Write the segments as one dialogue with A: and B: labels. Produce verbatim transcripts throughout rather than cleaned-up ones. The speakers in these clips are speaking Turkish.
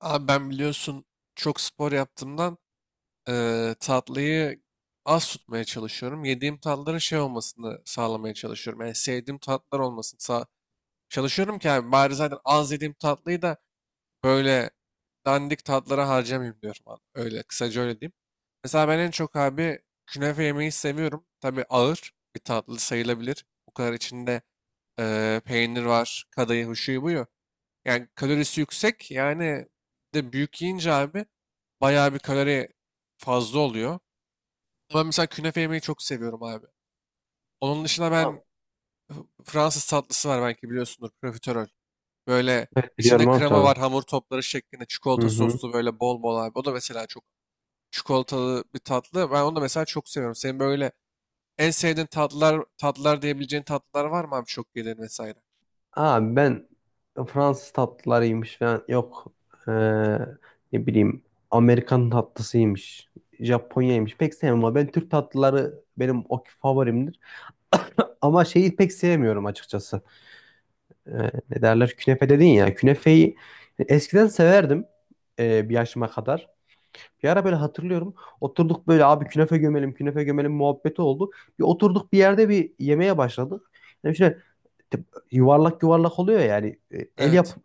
A: Abi ben biliyorsun çok spor yaptığımdan eee, tatlıyı az tutmaya çalışıyorum. Yediğim tatlıların şey olmasını sağlamaya çalışıyorum. Yani sevdiğim tatlar olmasını sağ çalışıyorum ki abi bari zaten az yediğim tatlıyı da böyle dandik tatlara harcamayayım diyorum abi. Öyle kısaca öyle diyeyim. Mesela ben en çok abi künefe yemeyi seviyorum. Tabii ağır bir tatlı sayılabilir. Bu kadar içinde eee, peynir var, kadayıf, şuyu buyu. Yani kalorisi yüksek. Yani bir de büyük yiyince abi bayağı bir kalori fazla oluyor. Ama ben mesela künefe yemeyi çok seviyorum abi. Onun dışında
B: Tamam.
A: ben Fransız tatlısı var belki biliyorsundur profiterol. Böyle içinde
B: Biliyorum abi
A: krema
B: tabii.
A: var hamur topları şeklinde
B: Hı
A: çikolata
B: hı.
A: soslu böyle bol bol abi. O da mesela çok çikolatalı bir tatlı. Ben onu da mesela çok seviyorum. Senin böyle en sevdiğin tatlılar tatlılar diyebileceğin tatlılar var mı abi çok yediğin vesaire?
B: Abi ben Fransız tatlılarıymış falan yok. Ee, ne bileyim, Amerikan tatlısıymış. Japonya'ymış. Pek sevmem ama ben Türk tatlıları benim o favorimdir. Ama şeyi pek sevmiyorum açıkçası. Ee, ne derler? Künefe dedin ya. Künefeyi eskiden severdim e, bir yaşıma kadar. Bir ara böyle hatırlıyorum. Oturduk böyle abi künefe gömelim, künefe gömelim muhabbeti oldu. Bir oturduk bir yerde bir yemeğe başladık. Yani tip- yuvarlak yuvarlak oluyor ya, yani E, el yap
A: Evet.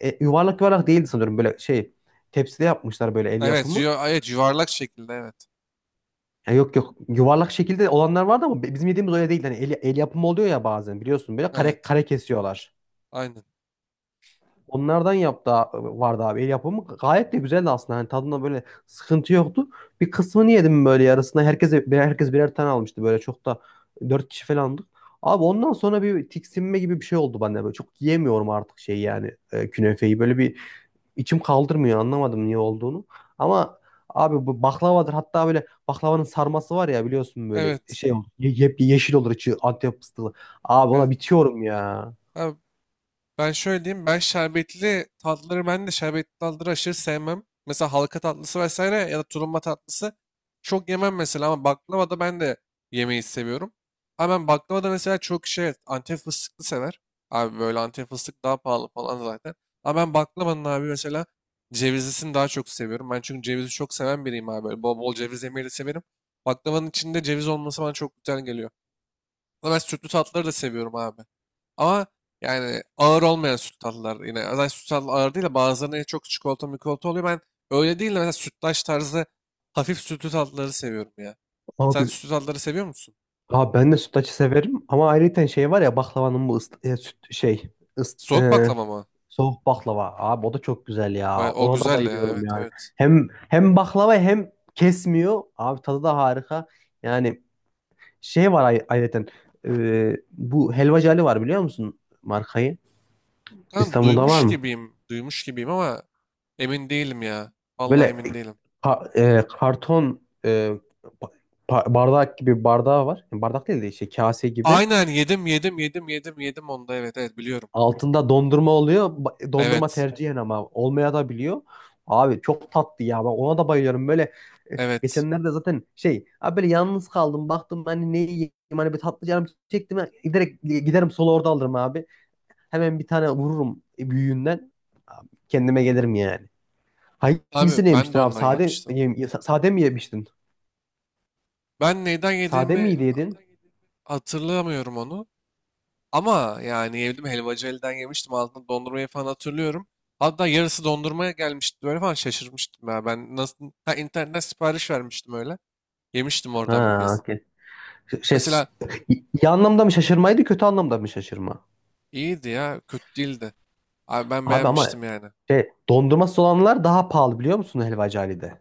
B: e, e, yuvarlak yuvarlak değildi sanırım, böyle şey tepside yapmışlar, böyle el
A: Evet,
B: yapımı.
A: yu- evet yuvarlak şekilde evet.
B: Ya yok yok, yuvarlak şekilde olanlar vardı ama bi- bizim yediğimiz öyle değil. Hani el, el yapımı oluyor ya bazen, biliyorsun, böyle kare
A: Evet.
B: kare kesiyorlar.
A: Aynen.
B: Onlardan yaptı vardı abi, el yapımı, gayet de güzeldi aslında. Hani tadında böyle sıkıntı yoktu. Bir kısmını yedim böyle, yarısına. Herkese birer herkes birer tane almıştı, böyle çok da dört kişi falandık. Abi ondan sonra bir tiksinme gibi bir şey oldu bende. Böyle çok yiyemiyorum artık, şey yani e, künefeyi. Böyle bir İçim kaldırmıyor, anlamadım niye olduğunu. Ama abi bu baklavadır, hatta böyle baklavanın sarması var ya, biliyorsun, böyle
A: Evet.
B: şey olur. Ye yep- yeşil olur içi, Antep fıstıklı. Abi ona
A: Evet.
B: bitiyorum ya.
A: Abi ben şöyle diyeyim. Ben şerbetli tatlıları ben de şerbetli tatlıları aşırı sevmem. Mesela halka tatlısı vesaire ya da tulumba tatlısı çok yemem mesela ama baklava da ben de yemeyi seviyorum. Ama ben baklava da mesela çok şey evet, Antep fıstıklı sever. Abi böyle Antep fıstık daha pahalı falan zaten. Ama ben baklavanın abi mesela cevizlisini daha çok seviyorum. Ben çünkü cevizi çok seven biriyim abi. Böyle bol bol ceviz yemeyi de severim. Baklavanın içinde ceviz olması bana çok güzel geliyor. Ama ben sütlü tatlıları da seviyorum abi. Ama yani ağır olmayan süt tatlılar. Yine zaten süt tatlı ağır değil de bazılarında çok çikolata mikolata oluyor. Ben öyle değil de mesela sütlaç tarzı hafif sütlü tatlıları seviyorum ya. Sen
B: Abi,
A: sütlü tatlıları seviyor musun?
B: abi ben de sütlaçı severim ama ayrıca şey var ya, baklavanın bu ıs- e, süt şey ıs-
A: Soğuk
B: e,
A: baklava mı?
B: soğuk baklava. Abi o da çok güzel
A: O,
B: ya.
A: o
B: Ona da
A: güzel ya,
B: bayılıyorum
A: evet,
B: yani.
A: evet.
B: Hem hem baklava, hem kesmiyor. Abi tadı da harika. Yani şey var, ay ayrıca e, bu Helvacı Ali var, biliyor musun markayı?
A: Kan
B: İstanbul'da var
A: duymuş
B: mı?
A: gibiyim. Duymuş gibiyim ama emin değilim ya. Vallahi
B: Böyle
A: emin değilim.
B: ka- e, karton, e, ba- ba- bardak gibi, bardağı var. Yani bardak değil de işte kase gibi.
A: Aynen, yedim yedim yedim yedim yedim onda, evet, evet, biliyorum.
B: Altında dondurma oluyor. Ba- Dondurma
A: Evet,
B: tercihen ama olmaya da biliyor. Abi çok tatlı ya. Ben ona da bayılıyorum. Böyle
A: evet.
B: geçenlerde zaten şey abi, böyle yalnız kaldım. Baktım hani ne yiyeyim, hani bir tatlı canım çektim. Direkt giderim solo, orada alırım abi. Hemen bir tane vururum büyüğünden. Kendime gelirim yani.
A: Abi
B: Hangisini
A: ben de
B: yemiştin abi?
A: ondan
B: Sade,
A: yemiştim.
B: yem- sade mi yemiştin?
A: Ben neyden
B: Sade
A: yediğimi
B: miydi yedin?
A: hatırlamıyorum onu. Ama yani yedim helvacı elden yemiştim altında dondurmayı falan hatırlıyorum. Hatta yarısı dondurmaya gelmişti böyle falan şaşırmıştım ya. Ben nasıl ha, internetten sipariş vermiştim öyle. Yemiştim oradan bir
B: Ha,
A: kez.
B: okey. Şey, s-
A: Mesela
B: iyi anlamda mı şaşırmaydı, kötü anlamda mı şaşırma?
A: iyiydi ya, kötü değildi. Abi ben
B: Abi ama
A: beğenmiştim yani.
B: şey, dondurması olanlar daha pahalı, biliyor musun helvacı Ali'de?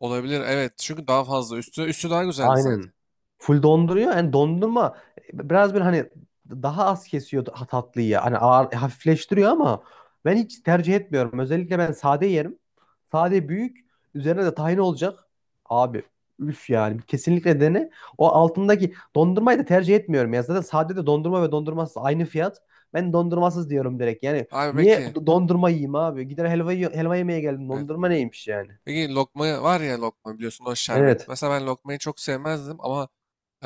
A: Olabilir, evet, çünkü daha fazla üstü üstü daha güzeldi zaten.
B: Aynen. Full donduruyor. Yani dondurma biraz böyle hani daha az kesiyor ta- tatlıyı. Hani ağır, hafifleştiriyor ama ben hiç tercih etmiyorum. Özellikle ben sade yerim. Sade büyük. Üzerine de tahin olacak. Abi üf yani. Kesinlikle dene. O altındaki dondurmayı da tercih etmiyorum. Ya zaten sade de dondurma ve dondurmasız aynı fiyat. Ben dondurmasız diyorum direkt. Yani
A: Abi
B: niye
A: peki,
B: dondurma yiyeyim abi? Gider helva, yiyor- helva yemeye geldim.
A: evet.
B: Dondurma neymiş yani?
A: Peki lokma var ya, lokma biliyorsun o şerbet.
B: Evet.
A: Mesela ben lokmayı çok sevmezdim ama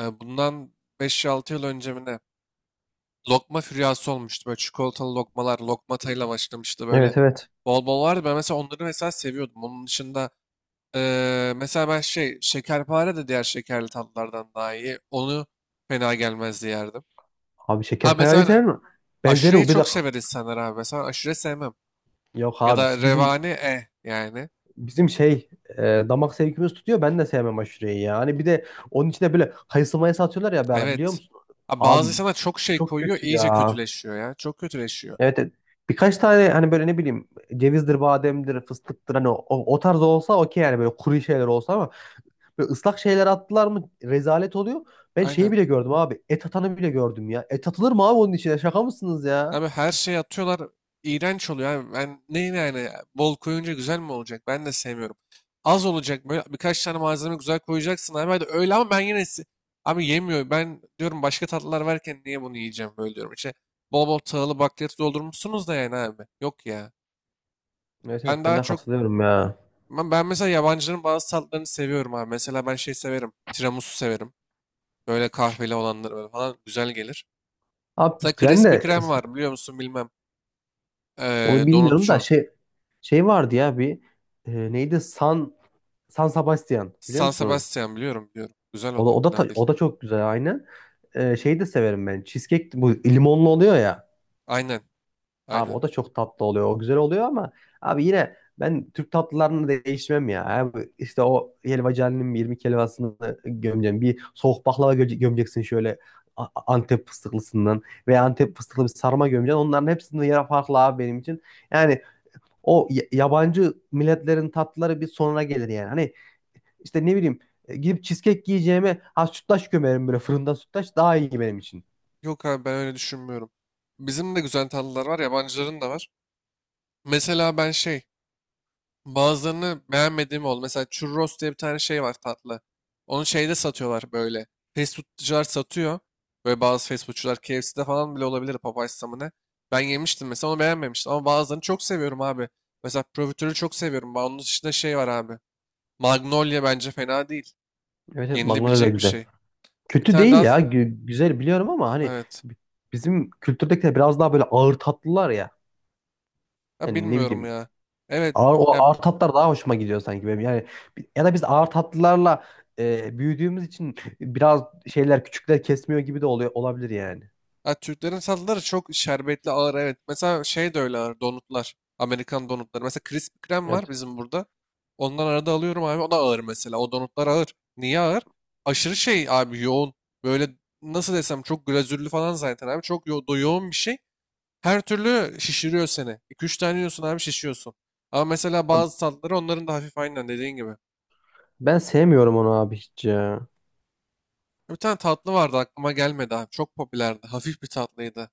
A: e, bundan beş altı yıl önce mi ne? Lokma füryası olmuştu. Böyle çikolatalı lokmalar, lokmatayla başlamıştı böyle.
B: Evet, evet.
A: Bol bol vardı. Ben mesela onları mesela seviyordum. Onun dışında eee, mesela ben şey şekerpare de diğer şekerli tatlılardan daha iyi. Onu fena gelmezdi yerdim.
B: Abi
A: Ha mesela ben
B: şekerpareler mi? Benzeri
A: aşureyi
B: o, bir de
A: çok sever insanlar abi. Mesela aşure sevmem.
B: yok
A: Ya
B: abi
A: da
B: bizim
A: revani eh yani.
B: bizim şey e, damak zevkimiz tutuyor. Ben de sevmem aşureyi yani, bir de onun içine böyle kayısı mayısı atıyorlar ya bir ara, biliyor
A: Evet.
B: musun?
A: Ha, bazı
B: Abi
A: insanlar çok şey
B: çok
A: koyuyor
B: kötü
A: iyice
B: ya.
A: kötüleşiyor ya. Çok kötüleşiyor.
B: Evet, evet. Birkaç tane hani böyle, ne bileyim, cevizdir, bademdir, fıstıktır, hani o, o tarz olsa okey yani, böyle kuru şeyler olsa ama böyle ıslak şeyler attılar mı rezalet oluyor. Ben şeyi
A: Aynen.
B: bile gördüm abi. Et atanı bile gördüm ya. Et atılır mı abi onun içine? Şaka mısınız ya?
A: Abi her şeyi atıyorlar. İğrenç oluyor abi. Ben ne yani bol koyunca güzel mi olacak? Ben de sevmiyorum. Az olacak, böyle birkaç tane malzeme güzel koyacaksın abi. Hadi öyle ama ben yine se- abi yemiyor. Ben diyorum başka tatlılar varken niye bunu yiyeceğim böyle diyorum. İşte bol bol tahıllı bakliyatı doldurmuşsunuz da yani abi. Yok ya.
B: Evet,
A: Ben
B: evet, ben
A: daha
B: de
A: çok
B: katılıyorum ya.
A: ben, ben mesela yabancıların bazı tatlarını seviyorum abi. Mesela ben şey severim. Tiramisu severim. Böyle kahveli olanları böyle falan güzel gelir.
B: Abi
A: Mesela
B: ben
A: Krispy
B: de
A: Kreme var biliyor musun bilmem. Ee,
B: onu bilmiyorum da
A: donutçu.
B: şey şey vardı ya bir, e, neydi, San San Sebastian, biliyor
A: San
B: musun onu?
A: Sebastian biliyorum, biliyorum. Güzel, o
B: O da
A: da
B: o da
A: fena
B: ta-
A: değil.
B: o da çok güzel, aynı. E, şeyi de severim ben. Cheesecake, bu limonlu oluyor ya.
A: Aynen,
B: Abi
A: aynen.
B: o da çok tatlı oluyor. O güzel oluyor ama abi yine ben Türk tatlılarını değişmem ya. Abi işte o helvacının yirmi helvasını gömeceğim. Bir soğuk baklava göme- gömeceksin, şöyle A- Antep fıstıklısından veya Antep fıstıklı bir sarma gömeceksin. Onların hepsinin yeri farklı abi benim için. Yani O y- yabancı milletlerin tatlıları bir sonra gelir yani. Hani işte ne bileyim, e, gidip cheesecake yiyeceğime ha, sütlaç gömerim, böyle fırında sütlaç daha iyi benim için.
A: Yok abi ben öyle düşünmüyorum. Bizim de güzel tatlılar var, yabancıların da var. Mesela ben şey bazılarını beğenmediğim oldu. Mesela churros diye bir tane şey var tatlı. Onu şeyde satıyorlar böyle. Fast foodcular satıyor. Böyle bazı fast foodcular K F C'de falan bile olabilir, Popeyes'ta mı ne. Ben yemiştim mesela onu beğenmemiştim. Ama bazılarını çok seviyorum abi. Mesela profiterolü çok seviyorum. Onun dışında şey var abi. Magnolia bence fena değil.
B: Evet, evet, magnolia da
A: Yenilebilecek bir
B: güzel.
A: şey. Bir
B: Kötü
A: tane
B: değil
A: daha
B: ya, gü- güzel, biliyorum ama hani
A: evet.
B: b- bizim kültürdekiler biraz daha böyle ağır tatlılar ya.
A: Ha,
B: Yani ne
A: bilmiyorum
B: bileyim,
A: ya. Evet.
B: ağır, o
A: Ya,
B: ağır tatlar daha hoşuma gidiyor sanki benim. Yani bi- ya da biz ağır tatlılarla e, büyüdüğümüz için biraz şeyler küçükler kesmiyor gibi de oluyor, olabilir yani.
A: ha, Türklerin tatlıları çok şerbetli ağır, evet. Mesela şey de öyle ağır donutlar. Amerikan donutları. Mesela Krispy Kreme var
B: Evet.
A: bizim burada. Ondan arada alıyorum abi. O da ağır mesela. O donutlar ağır. Niye ağır? Aşırı şey abi, yoğun. Böyle nasıl desem çok glazürlü falan zaten abi. Çok yo do- yoğun bir şey. Her türlü şişiriyor seni. iki üç tane yiyorsun abi şişiyorsun. Ama mesela
B: Abi
A: bazı tatlıları onların da hafif aynen dediğin gibi.
B: ben sevmiyorum onu abi hiç ya.
A: Bir tane tatlı vardı aklıma gelmedi abi. Çok popülerdi. Hafif bir tatlıydı.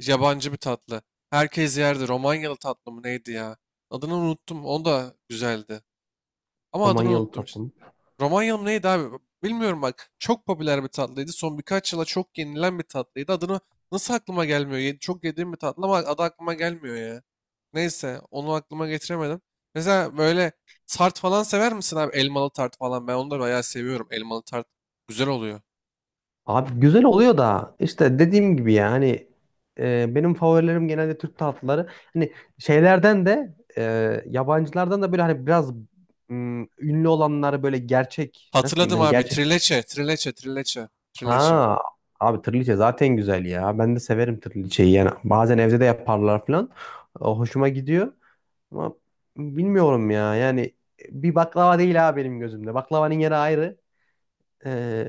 A: Yabancı bir tatlı. Herkes yerdi. Romanyalı tatlı mı neydi ya? Adını unuttum. O da güzeldi. Ama adını
B: Romanyalı
A: unuttum.
B: tatlım.
A: Romanyalı mı neydi abi? Bilmiyorum bak. Çok popüler bir tatlıydı. Son birkaç yıla çok yenilen bir tatlıydı. Adını nasıl aklıma gelmiyor? Ye- çok yediğim bir tatlı ama adı aklıma gelmiyor ya. Neyse onu aklıma getiremedim. Mesela böyle tart falan sever misin abi? Elmalı tart falan. Ben onu da bayağı seviyorum. Elmalı tart güzel oluyor.
B: Abi güzel oluyor da işte dediğim gibi ya, hani e, benim favorilerim genelde Türk tatlıları. Hani şeylerden de e, yabancılardan da böyle, hani biraz mm, ünlü olanlar, böyle gerçek, nasıl diyeyim,
A: Hatırladım
B: hani
A: abi.
B: gerçek.
A: Trileçe, trileçe, trileçe, trileçe.
B: Ha, abi tırliçe zaten güzel ya. Ben de severim tırliçeyi yani, bazen evde de yaparlar falan. O hoşuma gidiyor ama bilmiyorum ya yani, bir baklava değil ha benim gözümde. Baklavanın yeri ayrı. Ee,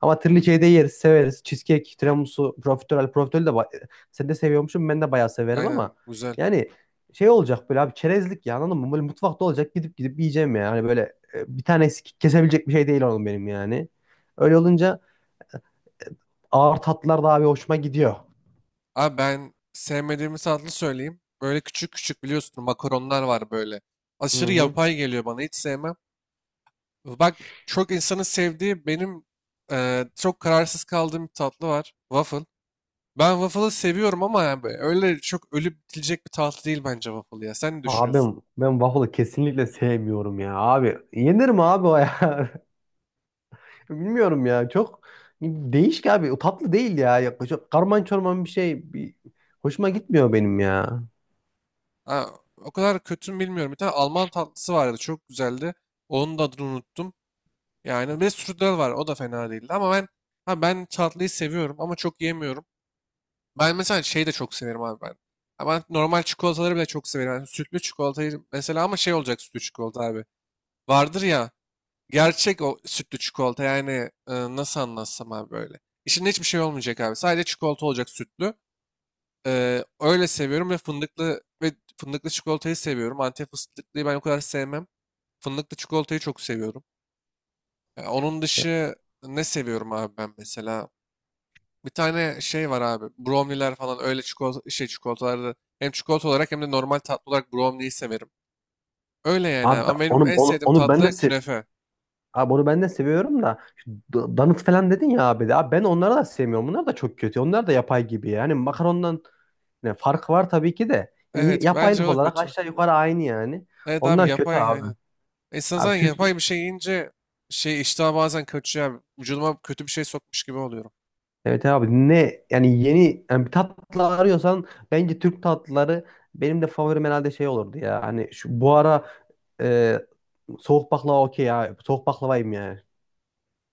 B: ama trileçeyi de yeriz, severiz. Cheesecake, tiramisu, profiterol. Profiterol de ba- sen de seviyormuşum, ben de bayağı severim ama
A: Aynen güzel.
B: yani şey olacak böyle abi, çerezlik ya, anladın mı? Böyle mutfakta olacak, gidip gidip yiyeceğim ya. Hani böyle e, bir tane eksik kesebilecek bir şey değil onun benim yani. Öyle olunca ağır tatlılar da abi hoşuma gidiyor.
A: Abi ben sevmediğimiz tatlı söyleyeyim. Böyle küçük küçük biliyorsun makaronlar var böyle.
B: Hı
A: Aşırı
B: hı.
A: yapay geliyor bana hiç sevmem. Bak çok insanın sevdiği benim e, çok kararsız kaldığım bir tatlı var. Waffle. Ben waffle'ı seviyorum ama yani böyle öyle çok ölüp bitilecek bir tatlı değil bence waffle ya. Sen ne
B: Abi
A: düşünüyorsun?
B: ben ben waffle'ı kesinlikle sevmiyorum ya abi. Yenir mi abi o ya? Bilmiyorum ya, çok değişik abi. O tatlı değil ya. Yaklaşık karman çorman bir şey. Bir... Hoşuma gitmiyor benim ya.
A: Ha, o kadar kötü mü bilmiyorum. Bir tane Alman tatlısı vardı çok güzeldi. Onun da adını unuttum. Yani bir de strudel var o da fena değildi ama ben ha, ben tatlıyı seviyorum ama çok yemiyorum. Ben mesela şeyi de çok severim abi ben. Ama normal çikolataları bile çok severim. Yani sütlü çikolatayı mesela ama şey olacak sütlü çikolata abi. Vardır ya gerçek o sütlü çikolata yani e, nasıl anlatsam abi böyle. İçinde hiçbir şey olmayacak abi. Sadece çikolata olacak sütlü. Ee, öyle seviyorum ve fındıklı ve fındıklı çikolatayı seviyorum. Antep fıstıklıyı ben o kadar sevmem. Fındıklı çikolatayı çok seviyorum. Ya onun dışı ne seviyorum abi ben mesela? Bir tane şey var abi. Brownie'ler falan öyle çikolata, şey çikolatalarda hem çikolata olarak hem de normal tatlı olarak brownie'yi severim. Öyle yani abi.
B: Abi ben-
A: Ama benim
B: onu
A: en
B: onu,
A: sevdiğim
B: onu ben de
A: tatlı
B: sev
A: künefe.
B: Abi onu ben de seviyorum da şu da- danıt falan dedin ya abi de. Abi ben onları da sevmiyorum. Bunlar da çok kötü. Onlar da yapay gibi. Yani makarondan ne farkı var tabii ki de. Yani yine
A: Evet bence
B: yapaylık
A: o da
B: olarak
A: kötü.
B: aşağı yukarı aynı yani.
A: Evet abi
B: Onlar kötü
A: yapay
B: abi.
A: aynen. İnsan
B: Abi
A: zaten
B: Türk
A: yapay bir şey yiyince şey iştah bazen kaçıyor abi. Vücuduma kötü bir şey sokmuş gibi oluyorum.
B: Evet abi, ne yani, yeni yani bir tatlı arıyorsan bence Türk tatlıları, benim de favorim herhalde şey olurdu ya. Hani şu bu ara e, soğuk baklava okey ya. Soğuk baklavayım ya.